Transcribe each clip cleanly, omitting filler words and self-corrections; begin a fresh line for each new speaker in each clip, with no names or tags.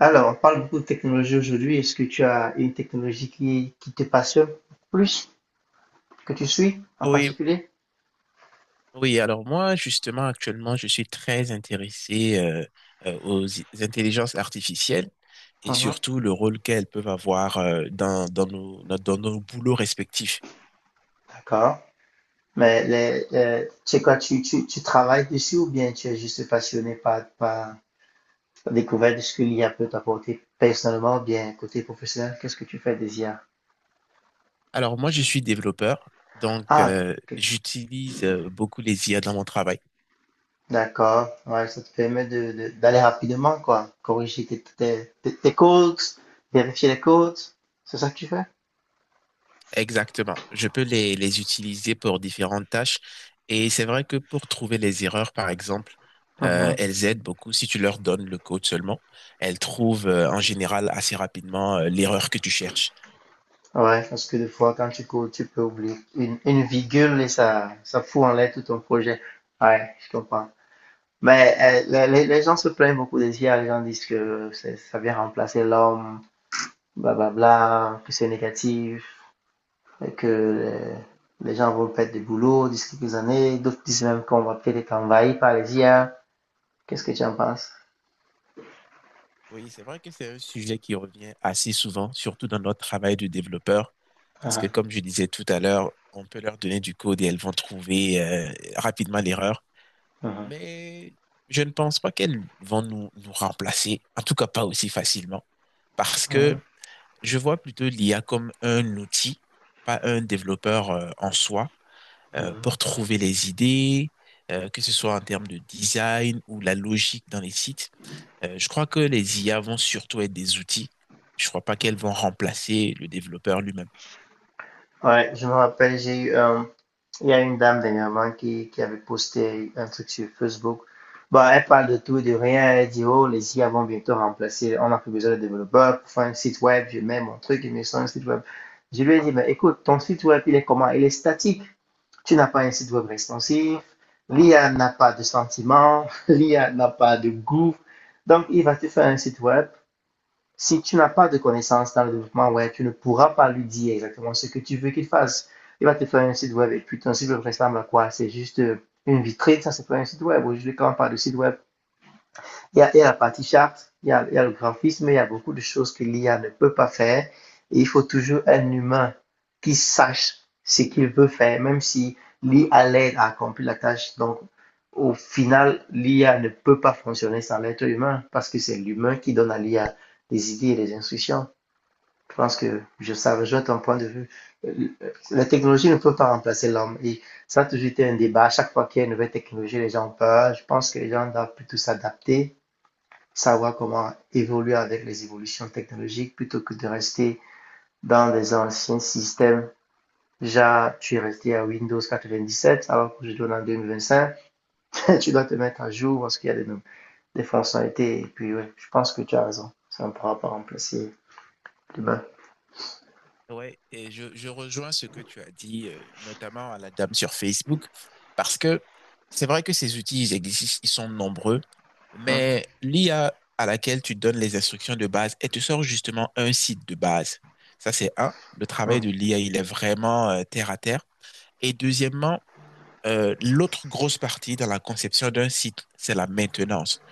Alors, on parle beaucoup de technologie aujourd'hui. Est-ce que tu as une technologie qui te passionne plus, que tu suis en
Oui,
particulier?
oui. Alors moi, justement, actuellement, je suis très intéressé aux intelligences artificielles et
Mhm.
surtout le rôle qu'elles peuvent avoir dans nos, no- dans nos boulots respectifs.
D'accord. Mais tu sais quoi, tu travailles dessus ou bien tu es juste passionné par la découverte de ce que l'IA peut t'apporter personnellement ou bien côté professionnel? Qu'est-ce que tu fais des IA?
Alors moi, je suis développeur, donc
Ah, ok.
j'utilise beaucoup les IA dans mon travail.
D'accord. Ouais, ça te permet d'aller rapidement, quoi. Corriger tes codes, vérifier les codes. C'est ça que tu fais?
Exactement. Je peux les utiliser pour différentes tâches. Et c'est vrai que pour trouver les erreurs, par exemple, elles aident beaucoup. Si tu leur donnes le code seulement, elles trouvent en général assez rapidement l'erreur que tu cherches.
Ouais, parce que des fois, quand tu cours, tu peux oublier une virgule et ça fout en l'air tout ton projet. Ouais, je comprends. Mais les gens se plaignent beaucoup des IA, les gens disent que ça vient remplacer l'homme, blablabla, que c'est négatif, et que gens vont perdre du boulot d'ici quelques années. D'autres disent même qu'on va peut-être être envahi par les IA. Qu'est-ce que tu en penses?
Oui, c'est vrai que c'est un sujet qui revient assez souvent, surtout dans notre travail de développeur, parce que
Ah,
comme je disais tout à l'heure, on peut leur donner du code et elles vont trouver rapidement l'erreur.
mhm,
Mais je ne pense pas qu'elles vont nous remplacer, en tout cas pas aussi facilement. Parce
mhm,
que je vois plutôt l'IA comme un outil, pas un développeur en soi,
mhm.
pour trouver les idées, que ce soit en termes de design ou la logique dans les sites. Je crois que les IA vont surtout être des outils. Je crois pas qu'elles vont remplacer le développeur lui-même.
Ouais, je me rappelle, j'ai eu un il y a une dame dernièrement qui avait posté un truc sur Facebook. Bah, elle parle de tout et de rien. Elle dit, oh, les IA vont bientôt remplacer. On n'a plus besoin de développeurs pour faire un site web. Je mets mon truc, il me sort un site web. Je lui ai dit, mais écoute, ton site web, il est comment? Il est statique. Tu n'as pas un site web responsif. L'IA n'a pas de sentiments. L'IA n'a pas de goût. Donc, il va te faire un site web, si tu n'as pas de connaissances dans le développement web, tu ne pourras pas lui dire exactement ce que tu veux qu'il fasse. Il va te faire un site web et puis ton site web ressemble à quoi? C'est juste une vitrine, ça c'est pas un site web. Aujourd'hui, quand on parle de site web, il y a la partie charte, il y a le graphisme, il y a beaucoup de choses que l'IA ne peut pas faire. Et il faut toujours un humain qui sache ce qu'il veut faire, même si l'IA l'aide à accomplir la tâche. Donc, au final, l'IA ne peut pas fonctionner sans l'être humain parce que c'est l'humain qui donne à l'IA des idées et des instructions. Je pense que je savais, je vois ton point de vue. Euh, La technologie ne peut pas remplacer l'homme. Et ça a toujours été un débat. À chaque fois qu'il y a une nouvelle technologie, les gens ont peur. Je pense que les gens doivent plutôt s'adapter, savoir comment évoluer avec les évolutions technologiques plutôt que de rester dans des anciens systèmes. Déjà, tu es resté à Windows 97, alors que je donne en 2025, tu dois te mettre à jour parce qu'il y a des fonctionnalités. Et puis, ouais, je pense que tu as raison. Ça ne pourra pas remplacer l'humain.
Ouais, et je rejoins ce que tu as dit, notamment à la dame sur Facebook, parce que c'est vrai que ces outils, ils existent, ils sont nombreux,
Mmh.
mais l'IA à laquelle tu donnes les instructions de base, elle te sort justement un site de base. Ça, c'est un. Le travail de
Mmh.
l'IA, il est vraiment terre à terre. Et deuxièmement, l'autre grosse partie dans la conception d'un site, c'est la maintenance.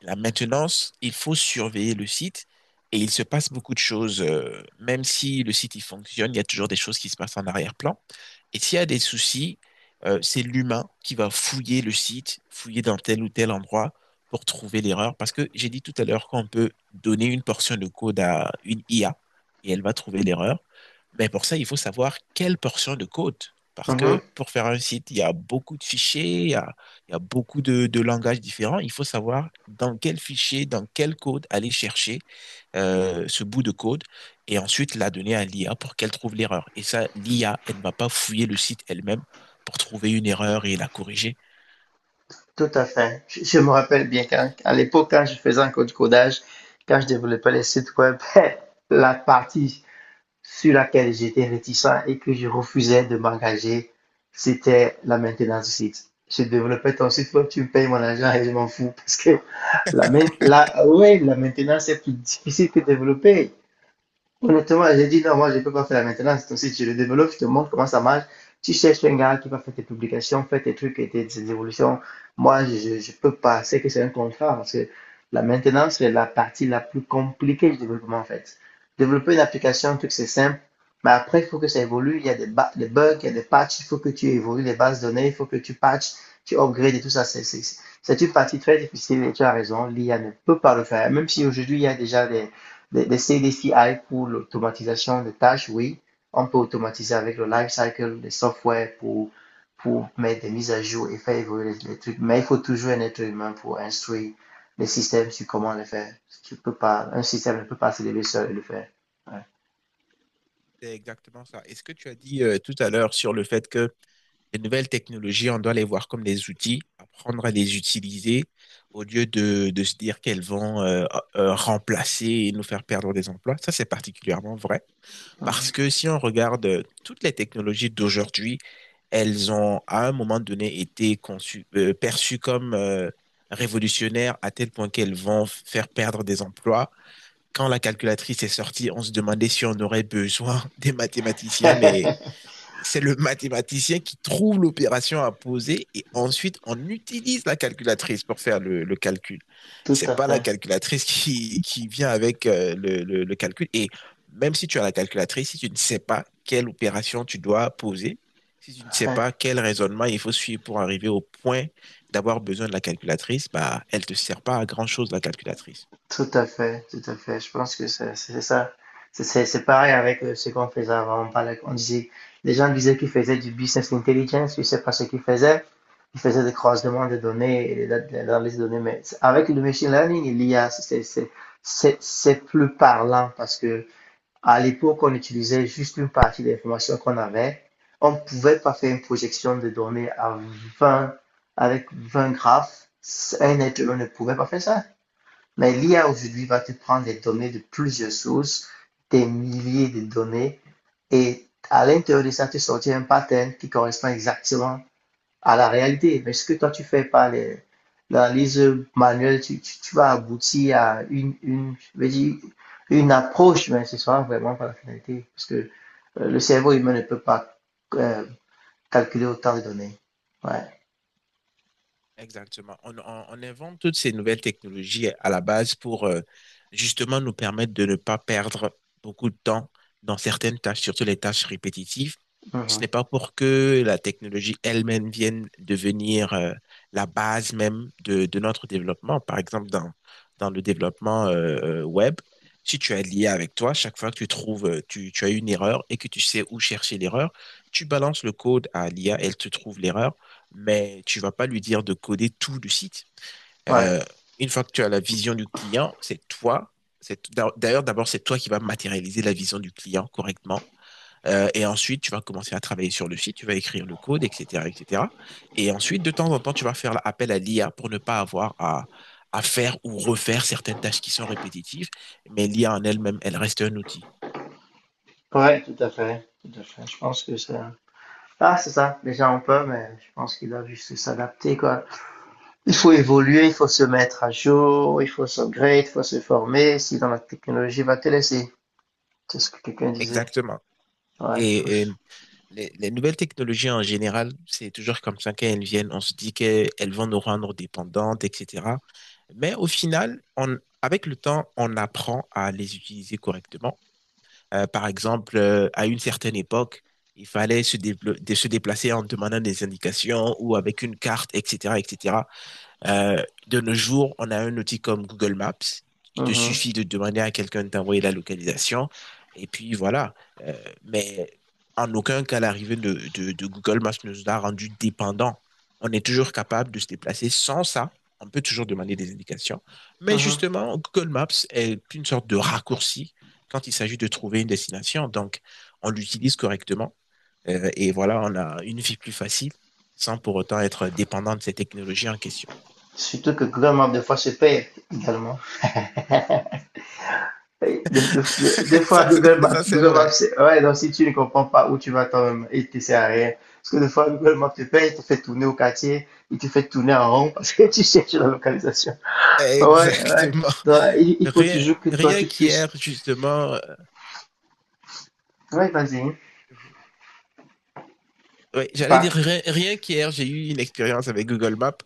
La maintenance, il faut surveiller le site et il se passe beaucoup de choses. Même si le site il fonctionne, il y a toujours des choses qui se passent en arrière-plan. Et s'il y a des soucis, c'est l'humain qui va fouiller le site, fouiller dans tel ou tel endroit pour trouver l'erreur. Parce que j'ai dit tout à l'heure qu'on peut donner une portion de code à une IA et elle va trouver l'erreur. Mais pour ça, il faut savoir quelle portion de code. Parce
Mmh.
que pour faire un site, il y a beaucoup de fichiers, il y a beaucoup de langages différents. Il faut savoir dans quel fichier, dans quel code aller chercher ce bout de code et ensuite la donner à l'IA pour qu'elle trouve l'erreur. Et ça, l'IA, elle ne va pas fouiller le site elle-même pour trouver une erreur et la corriger.
Tout à fait. Je me rappelle bien qu'à l'époque, quand je faisais encore du codage, quand je développais les sites web, la partie sur laquelle j'étais réticent et que je refusais de m'engager, c'était la maintenance du site. Je développais ton site, toi tu me payes mon argent et je m'en fous parce que la, ouais, la maintenance est plus difficile que développer. Honnêtement, j'ai dit non, moi je ne peux pas faire la maintenance. Donc, si tu le développes, je te montre comment ça marche. Tu cherches un gars qui va faire tes publications, faire tes trucs et tes évolutions. Moi, je peux pas. C'est que c'est un contrat parce que la maintenance, c'est la partie la plus compliquée du développement en fait. Développer une application, un truc, c'est simple. Mais après, il faut que ça évolue. Il y a des bugs, il y a des patchs. Il faut que tu évolues les bases de données. Il faut que tu patches, tu upgrades et tout ça. C'est une partie très difficile et tu as raison. L'IA ne peut pas le faire. Même si aujourd'hui, il y a déjà des CDCI pour l'automatisation des tâches, oui. On peut automatiser avec le lifecycle des software pour mettre des mises à jour et faire évoluer les trucs. Mais il faut toujours un être humain pour instruire les systèmes sur comment le faire. Tu peux pas, un système ne peut pas se lever seul et le faire. Ouais.
C'est exactement ça. Et ce que tu as dit tout à l'heure sur le fait que les nouvelles technologies, on doit les voir comme des outils, apprendre à les utiliser au lieu de se dire qu'elles vont remplacer et nous faire perdre des emplois. Ça, c'est particulièrement vrai parce
Mhm.
que si on regarde toutes les technologies d'aujourd'hui, elles ont à un moment donné été conçues, perçues comme révolutionnaires à tel point qu'elles vont faire perdre des emplois. Quand la calculatrice est sortie, on se demandait si on aurait besoin des mathématiciens, mais c'est le mathématicien qui trouve l'opération à poser et ensuite on utilise la calculatrice pour faire le calcul.
Tout
C'est
à
pas la
fait.
calculatrice qui vient avec le calcul. Et même si tu as la calculatrice, si tu ne sais pas quelle opération tu dois poser, si tu ne sais
Ouais.
pas quel raisonnement il faut suivre pour arriver au point d'avoir besoin de la calculatrice, bah, elle te sert pas à grand-chose, la calculatrice.
Tout à fait, tout à fait. Je pense que c'est ça. C'est pareil avec ce qu'on faisait avant. On parlait, on disait, les gens disaient qu'ils faisaient du business intelligence, je ne sais pas ce qu'ils faisaient. Ils faisaient des croisements de données et des analyses de données. Mais avec le machine learning et l'I a c'est plus parlant parce que à l'époque, on utilisait juste une partie de l'information qu'on avait. On ne pouvait pas faire une projection de données à 20 avec 20 graphes. Un être humain ne pouvait pas faire ça. Mais l'IA aujourd'hui va te prendre les données de plusieurs sources, des milliers de données, et à l'intérieur de ça, te sortir un pattern qui correspond exactement à la réalité. Mais ce que toi, tu fais par l'analyse manuelle, tu vas aboutir à je veux dire, une approche, mais ce sera vraiment pas la finalité, parce que le cerveau humain ne peut pas euh, calculer autant de données. Ouais.
Exactement. On invente toutes ces nouvelles technologies à la base pour justement nous permettre de ne pas perdre beaucoup de temps dans certaines tâches, surtout les tâches répétitives. Ce
Mhm.
n'est pas pour que la technologie elle-même vienne devenir la base même de notre développement. Par exemple, dans le développement web, si tu as lié avec toi, chaque fois que tu trouves, tu as une erreur et que tu sais où chercher l'erreur, tu balances le code à l'IA, elle te trouve l'erreur mais tu vas pas lui dire de coder tout le site.
Ouais.
Euh, une fois que tu as la vision du client, c'est toi. C'est, d'ailleurs, d'abord c'est toi qui vas matérialiser la vision du client correctement. Et ensuite, tu vas commencer à travailler sur le site, tu vas écrire le code, etc., etc. Et cetera. Et ensuite, de temps en temps, tu vas faire appel à l'IA pour ne pas avoir à faire ou refaire certaines tâches qui sont répétitives. Mais l'IA en elle-même, elle reste un outil.
Ouais, tout à fait. Tout à fait. Je pense que ça. Ah, c'est ça, les gens ont peur, mais je pense qu'ils doivent juste s'adapter, quoi. Il faut évoluer, il faut se mettre à jour, il faut s'upgrade, il faut se former, sinon la technologie va te laisser. C'est ce que quelqu'un disait.
Exactement.
Ouais, faut...
Et
se-
les nouvelles technologies en général, c'est toujours comme ça qu'elles viennent. On se dit qu'elles vont nous rendre dépendantes, etc. Mais au final, avec le temps, on apprend à les utiliser correctement. Par exemple, à une certaine époque, il fallait se déplacer en demandant des indications ou avec une carte, etc., etc. Euh, de nos jours, on a un outil comme Google Maps. Il te
Mhm,
suffit de demander à quelqu'un de t'envoyer la localisation. Et puis voilà. Mais en aucun cas, l'arrivée de Google Maps nous a rendu dépendants. On est toujours capable de se déplacer sans ça. On peut toujours demander des indications. Mais
mhm.
justement, Google Maps est une sorte de raccourci quand il s'agit de trouver une destination. Donc, on l'utilise correctement. Et voilà, on a une vie plus facile sans pour autant être dépendant de ces technologies en question.
Surtout que Google Maps, des fois, se perd également. Des, des- des- des fois,
Ça, c'est
Google Maps,
vrai.
ouais, donc si tu ne comprends pas où tu vas toi-même, il te sert à rien. Parce que des fois, Google Maps te paye, il te fait tourner au quartier, il te fait tourner en rond parce que tu cherches la localisation. Ouais, ouais.
Exactement.
Donc, il faut
Rien,
toujours que toi,
Rien
tu
qu'hier,
puisses.
justement,
Ouais, vas-y, hein.
oui,
Tu
j'allais
pars.
dire rien qu'hier, j'ai eu une expérience avec Google Maps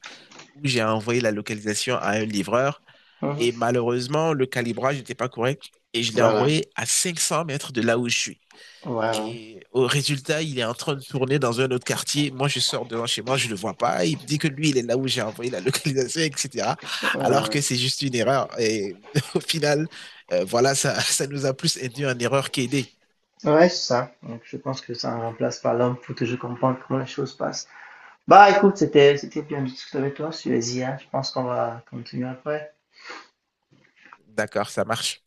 où j'ai envoyé la localisation à un livreur
Mhm.
et malheureusement, le calibrage n'était pas correct et je l'ai
Voilà.
envoyé à 500 mètres de là où je suis.
Voilà.
Et au résultat, il est en train de tourner dans un autre quartier. Moi, je sors devant chez moi, je ne le vois pas. Il me dit que lui, il est là où j'ai envoyé la localisation, etc. Alors
Voilà.
que c'est juste une erreur. Et au final, voilà, ça nous a plus induit en erreur qu'aidé.
Ouais, c'est ça. Donc, je pense que ça ne remplace pas l'homme. Il faut toujours comprendre comment les choses passent. Bah, écoute, c'était bien de discuter avec toi sur les IA. Je pense qu'on va continuer après.
D'accord, ça marche.